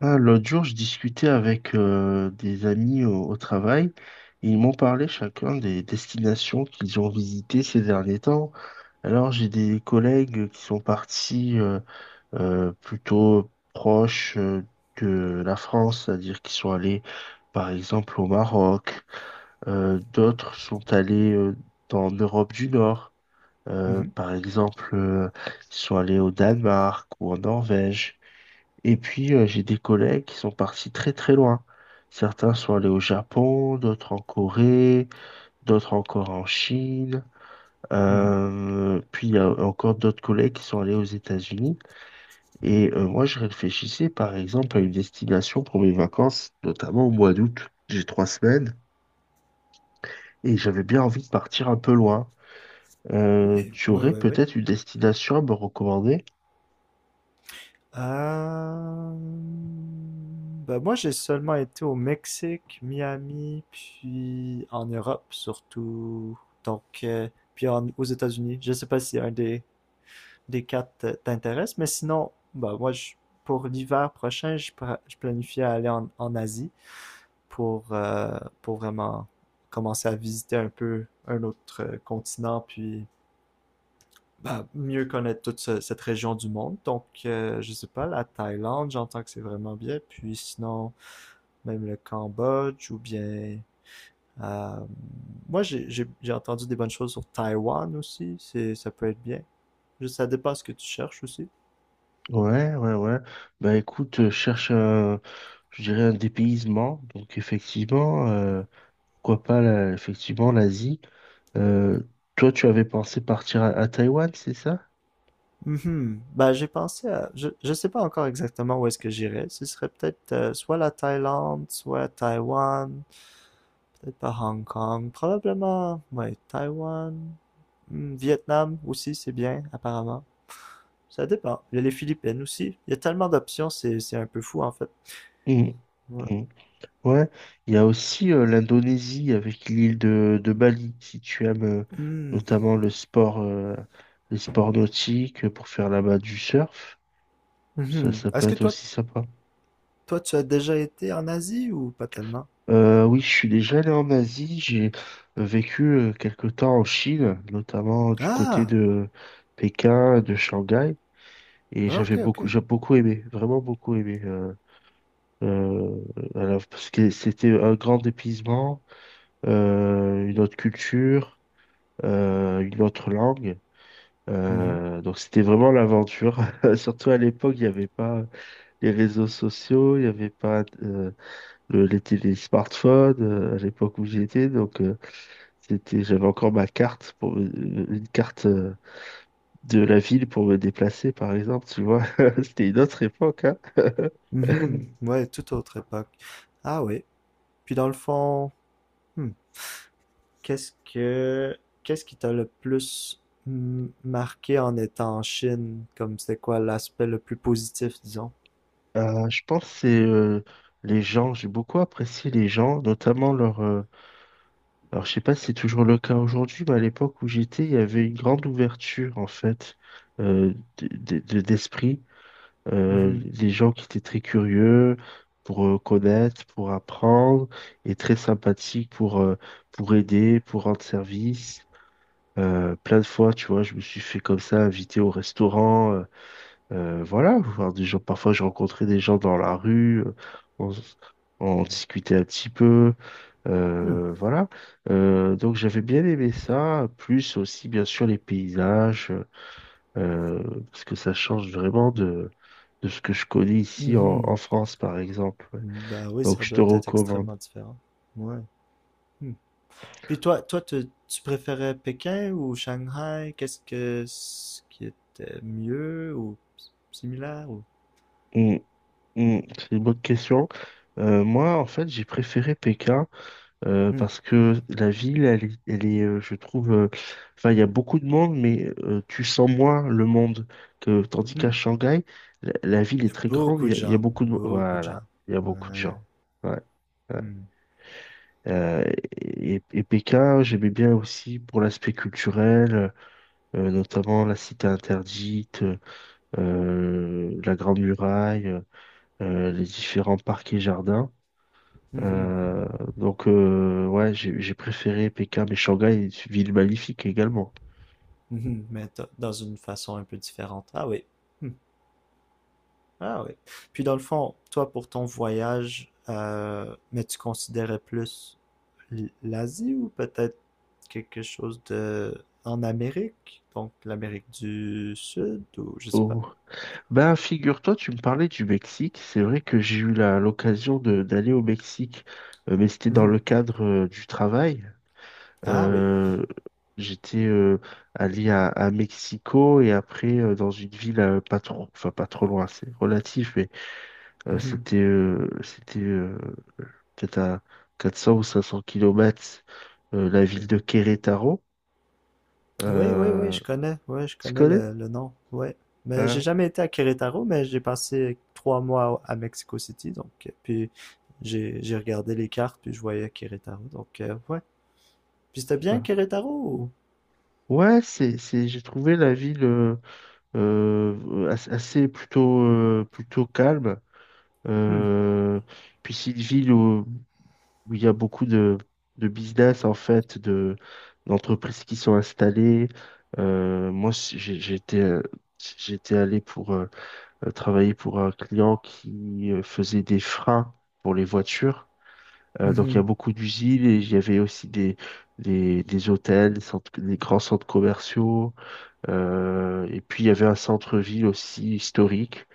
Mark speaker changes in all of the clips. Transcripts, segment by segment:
Speaker 1: Ah, l'autre jour, je discutais avec des amis au travail et ils m'ont parlé chacun des destinations qu'ils ont visitées ces derniers temps. Alors, j'ai des collègues qui sont partis plutôt proches de la France, c'est-à-dire qu'ils sont allés, par exemple, au Maroc. D'autres sont allés dans l'Europe du Nord.
Speaker 2: Mhm,
Speaker 1: Par exemple, ils sont allés au Danemark ou en Norvège. Et puis, j'ai des collègues qui sont partis très très loin. Certains sont allés au Japon, d'autres en Corée, d'autres encore en Chine.
Speaker 2: mhm.
Speaker 1: Puis, il y a encore d'autres collègues qui sont allés aux États-Unis. Et moi, je réfléchissais par exemple à une destination pour mes vacances, notamment au mois d'août. J'ai 3 semaines et j'avais bien envie de partir un peu loin.
Speaker 2: Ouais,
Speaker 1: Tu
Speaker 2: ouais,
Speaker 1: aurais
Speaker 2: ouais, ouais.
Speaker 1: peut-être une destination à me recommander?
Speaker 2: Euh, ben moi, j'ai seulement été au Mexique, Miami, puis en Europe surtout. Donc, aux États-Unis. Je sais pas si des quatre t'intéresse, mais sinon, pour l'hiver prochain, je planifie à aller en Asie pour vraiment commencer à visiter un peu un autre continent, puis bah, mieux connaître cette région du monde. Donc, je sais pas, la Thaïlande, j'entends que c'est vraiment bien. Puis sinon, même le Cambodge ou bien... euh, moi, j'ai entendu des bonnes choses sur Taïwan aussi. Ça peut être bien. Ça dépend ce que tu cherches aussi.
Speaker 1: Ouais, ouais, ouais. Bah écoute, cherche un, je dirais un dépaysement. Donc effectivement, pourquoi pas, effectivement, l'Asie. Euh, Toi, tu avais pensé partir à Taïwan, c'est ça?
Speaker 2: Mhm. Ben, j'ai pensé à... je sais pas encore exactement où est-ce que j'irais. Ce serait peut-être soit la Thaïlande, soit Taïwan, peut-être pas Hong Kong. Probablement, ouais, Taïwan. Hmm, Vietnam aussi, c'est bien, apparemment. Ça dépend. Il y a les Philippines aussi. Il y a tellement d'options, c'est un peu fou, en fait.
Speaker 1: Mhm.
Speaker 2: Ouais.
Speaker 1: Mhm. Ouais. Il y a aussi l'Indonésie avec l'île de Bali, si tu aimes
Speaker 2: Hmm.
Speaker 1: notamment le sport, les sports nautiques pour faire là-bas du surf. Ça,
Speaker 2: Mhm.
Speaker 1: ça peut
Speaker 2: Est-ce que
Speaker 1: être
Speaker 2: toi,
Speaker 1: aussi sympa.
Speaker 2: toi, tu as déjà été en Asie ou pas tellement?
Speaker 1: Oui, je suis déjà allé en Asie. J'ai vécu quelque temps en Chine, notamment du côté
Speaker 2: Ah!
Speaker 1: de Pékin, de Shanghai. Et
Speaker 2: Ah, ok,
Speaker 1: j'avais
Speaker 2: ok.
Speaker 1: beaucoup, j'ai beaucoup aimé, vraiment beaucoup aimé. Euh, alors, parce que c'était un grand dépaysement, une autre culture, une autre langue.
Speaker 2: Mhm.
Speaker 1: Donc c'était vraiment l'aventure. Surtout à l'époque, il n'y avait pas les réseaux sociaux, il n'y avait pas les télé smartphones à l'époque où j'y étais. Donc, c'était, j'avais encore ma carte, pour, une carte de la ville pour me déplacer, par exemple. Tu vois, c'était une autre époque, hein.
Speaker 2: Mhm. Ouais, toute autre époque. Ah oui. Puis dans le fond, hmm, Qu'est-ce que qu'est-ce qui t'a le plus marqué en étant en Chine? Comme c'était quoi l'aspect le plus positif, disons?
Speaker 1: Je pense que c'est les gens. J'ai beaucoup apprécié les gens, notamment leur. Alors, je sais pas si c'est toujours le cas aujourd'hui, mais à l'époque où j'étais, il y avait une grande ouverture en fait d'esprit.
Speaker 2: Mhm.
Speaker 1: Des gens qui étaient très curieux pour connaître, pour apprendre, et très sympathiques pour aider, pour rendre service. Plein de fois, tu vois, je me suis fait comme ça, inviter au restaurant, voilà, voir des gens. Parfois, je rencontrais des gens dans la rue, on, s- on discutait un petit peu,
Speaker 2: Hmm.
Speaker 1: voilà. Donc, j'avais bien aimé ça, plus aussi, bien sûr, les paysages. euh, parce que ça change vraiment de ce que je connais ici en
Speaker 2: Mhm.
Speaker 1: France, par exemple. Ouais.
Speaker 2: Ben oui,
Speaker 1: Donc,
Speaker 2: ça
Speaker 1: je
Speaker 2: doit
Speaker 1: te
Speaker 2: être
Speaker 1: recommande.
Speaker 2: extrêmement différent. Ouais. Hmm. Puis tu préférais Pékin ou Shanghai? Qu'est-ce que ce qui était mieux ou similaire ou...
Speaker 1: Hum, c'est une bonne question. Moi, en fait, j'ai préféré Pékin
Speaker 2: Hmm.
Speaker 1: parce que la ville, elle est, je trouve, enfin, il y a beaucoup de monde, mais tu sens moins le monde que, tandis
Speaker 2: Hmm.
Speaker 1: qu'à Shanghai, la ville
Speaker 2: Il y
Speaker 1: est
Speaker 2: a
Speaker 1: très grande,
Speaker 2: beaucoup de
Speaker 1: il y a
Speaker 2: gens,
Speaker 1: beaucoup de,
Speaker 2: beaucoup de gens.
Speaker 1: voilà, il y a beaucoup de
Speaker 2: Ouais.
Speaker 1: gens. Ouais. Ouais.
Speaker 2: Hmm.
Speaker 1: Euh, et Pékin, j'aimais bien aussi pour l'aspect culturel, notamment la Cité interdite, la Grande Muraille, les différents parcs et jardins.
Speaker 2: Mhm.
Speaker 1: Euh, donc, ouais, j'ai préféré Pékin, mais Shanghai est une ville magnifique également.
Speaker 2: Mhm, mais dans une façon un peu différente. Ah oui. Hmm. Ah oui. Puis dans le fond, toi pour ton voyage, mais tu considérais plus l'Asie ou peut-être quelque chose de en Amérique, donc l'Amérique du Sud ou je sais pas.
Speaker 1: Oh. Ben, figure-toi, tu me parlais du Mexique. C'est vrai que j'ai eu l'occasion d'aller au Mexique, mais c'était dans
Speaker 2: Mhm.
Speaker 1: le cadre du travail.
Speaker 2: Ah oui.
Speaker 1: Euh, J'étais allé à Mexico et après dans une ville pas trop, enfin pas trop loin, c'est relatif, mais c'était c'était peut-être à 400 ou 500 kilomètres la ville de Querétaro.
Speaker 2: Oui, oui, oui,
Speaker 1: Euh,
Speaker 2: je connais, ouais, je
Speaker 1: Tu
Speaker 2: connais
Speaker 1: connais?
Speaker 2: le nom, ouais. Mais j'ai
Speaker 1: Hein
Speaker 2: jamais été à Querétaro, mais j'ai passé 3 mois à Mexico City, donc puis j'ai regardé les cartes, puis je voyais Querétaro, donc ouais. Puis c'était bien
Speaker 1: Hein.
Speaker 2: Querétaro. Ou-
Speaker 1: Ouais, j'ai trouvé la ville assez plutôt, plutôt calme.
Speaker 2: Hmm.
Speaker 1: Euh, Puis c'est une ville où il y a beaucoup de business, en fait, d'entreprises qui sont installées. Moi, j'étais, j'étais allé pour travailler pour un client qui faisait des freins pour les voitures. Donc, il y a
Speaker 2: Mhm,
Speaker 1: beaucoup d'usines et il y avait aussi des hôtels, des grands centres commerciaux. Et puis, il y avait un centre-ville aussi historique.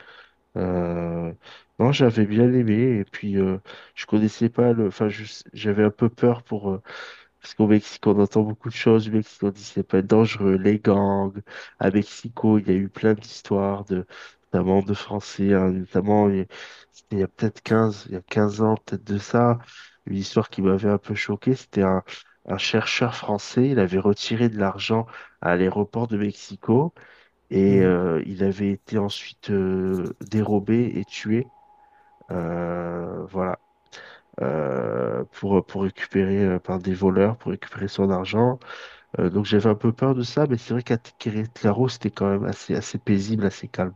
Speaker 1: Euh, non, j'avais bien aimé et puis je connaissais pas le. Enfin, j'avais un peu peur pour parce qu'au Mexique on entend beaucoup de choses. Au Mexique on dit c'est pas dangereux, les gangs. À Mexico, il y a eu plein d'histoires de notamment de Français, hein, notamment il y a 15 ans, peut-être de ça, une histoire qui m'avait un peu choqué. C'était un chercheur français, il avait retiré de l'argent à l'aéroport de Mexico. Et
Speaker 2: mhm,
Speaker 1: il avait été ensuite dérobé et tué, voilà, pour récupérer par des voleurs, pour récupérer son argent. Donc j'avais un peu peur de ça, mais c'est vrai qu'à Querétaro, c'était quand même assez, assez paisible, assez calme.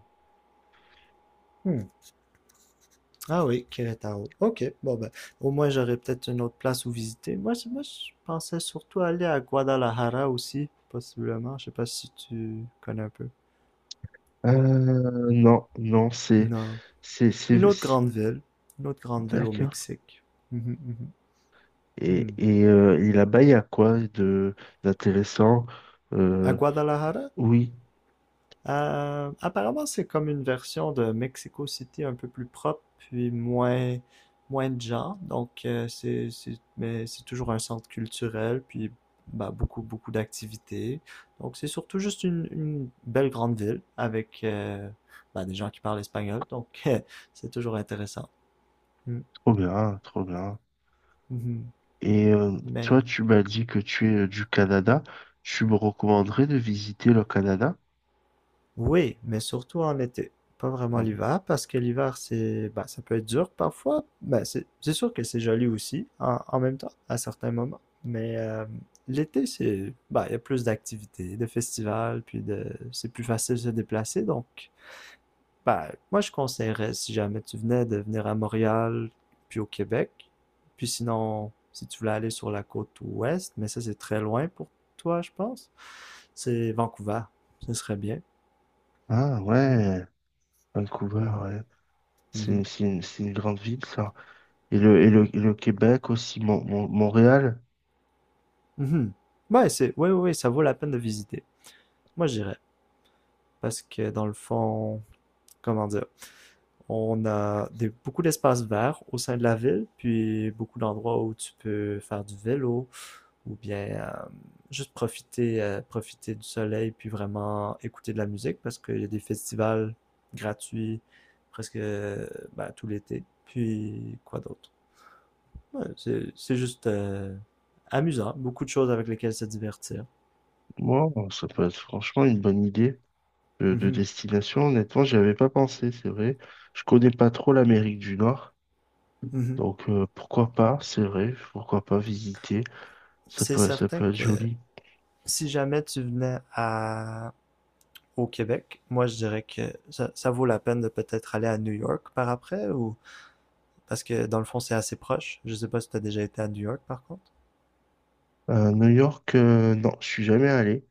Speaker 2: hmm. Ah oui, Querétaro. Ok, bon ben, au moins j'aurais peut-être une autre place où visiter. Moi, je pensais surtout aller à Guadalajara aussi, possiblement. Je sais pas si tu connais un peu.
Speaker 1: Non, non,
Speaker 2: Non.
Speaker 1: c'est,
Speaker 2: Une
Speaker 1: c'est,
Speaker 2: autre
Speaker 1: c'est-
Speaker 2: grande ville. Une autre grande ville au
Speaker 1: d'accord.
Speaker 2: Mexique. Mhm, mhm.
Speaker 1: Et,
Speaker 2: Hmm.
Speaker 1: et euh, et là-bas, il y a quoi de d'intéressant?
Speaker 2: À
Speaker 1: Euh,
Speaker 2: Guadalajara?
Speaker 1: oui,
Speaker 2: Apparemment, c'est comme une version de Mexico City un peu plus propre, puis moins de gens. Donc, c'est, mais c'est toujours un centre culturel, puis bah, beaucoup, beaucoup d'activités. Donc, c'est surtout juste une belle grande ville avec bah, des gens qui parlent espagnol. Donc, c'est toujours intéressant. Mm.
Speaker 1: trop bien, trop bien.
Speaker 2: Mhm.
Speaker 1: Et toi,
Speaker 2: Mais
Speaker 1: tu m'as dit que tu es du Canada. Tu me recommanderais de visiter le Canada?
Speaker 2: oui, mais surtout en été. Pas vraiment
Speaker 1: On-
Speaker 2: l'hiver, parce que l'hiver, c'est, bah, ça peut être dur parfois. Ben, c'est sûr que c'est joli aussi, en même temps, à certains moments. Mais l'été, c'est, bah, il y a plus d'activités, de festivals, c'est plus facile de se déplacer. Donc, bah, moi, je conseillerais, si jamais tu venais, de venir à Montréal, puis au Québec. Puis sinon, si tu voulais aller sur la côte ouest, mais ça, c'est très loin pour toi, je pense. C'est Vancouver. Ce serait bien.
Speaker 1: Ah
Speaker 2: Mm.
Speaker 1: ouais, Vancouver,
Speaker 2: Mhm.
Speaker 1: ouais.
Speaker 2: Mhm.
Speaker 1: C'est une grande ville, ça. Et le Québec aussi, Montréal.
Speaker 2: Mhm. Ouais, ouais, ouais, ouais, ça vaut la peine de visiter. Moi, j'irais. Parce que dans le fond, comment dire, on a des, beaucoup d'espaces verts au sein de la ville, puis beaucoup d'endroits où tu peux faire du vélo ou bien juste profiter, profiter du soleil, puis vraiment écouter de la musique parce qu'il y a des festivals gratuits presque ben, tout l'été. Puis quoi d'autre? Ouais, c'est juste amusant, beaucoup de choses avec lesquelles se divertir.
Speaker 1: Wow, ça peut être franchement une bonne idée de
Speaker 2: Mhm.
Speaker 1: destination. Honnêtement, j'y avais pas pensé, c'est vrai. Je connais pas trop l'Amérique du Nord.
Speaker 2: Mhm.
Speaker 1: Donc pourquoi pas, c'est vrai, pourquoi pas visiter.
Speaker 2: C'est
Speaker 1: Ça
Speaker 2: certain
Speaker 1: peut être
Speaker 2: que
Speaker 1: joli.
Speaker 2: si jamais tu venais à au Québec, moi je dirais que ça vaut la peine de peut-être aller à New York par après ou parce que dans le fond c'est assez proche. Je sais pas si tu as déjà été à New York par contre.
Speaker 1: New York, non, je suis jamais allé.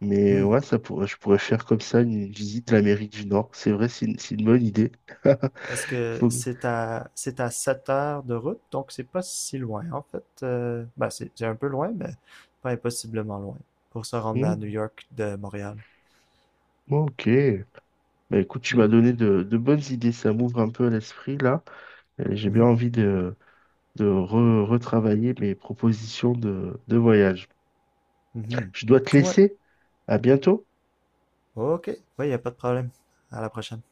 Speaker 1: Mais
Speaker 2: Hmm.
Speaker 1: ouais, ça pourrait, je pourrais faire comme ça une visite de l'Amérique du Nord. C'est vrai, c'est une bonne idée.
Speaker 2: Parce que
Speaker 1: Faut-
Speaker 2: c'est à 7 heures de route, donc c'est pas si loin en fait. Ben, c'est un peu loin, mais pas impossiblement loin pour se rendre
Speaker 1: Hmm,
Speaker 2: à New York de Montréal.
Speaker 1: ok. Bah écoute, tu
Speaker 2: Hmm.
Speaker 1: m'as donné de bonnes idées. Ça m'ouvre un peu l'esprit là. Et j'ai bien
Speaker 2: Mhm.
Speaker 1: envie de retravailler mes propositions de voyage.
Speaker 2: Mhm.
Speaker 1: Je dois te
Speaker 2: Ouais.
Speaker 1: laisser. À bientôt.
Speaker 2: OK. Ouais, y a pas de problème. À la prochaine.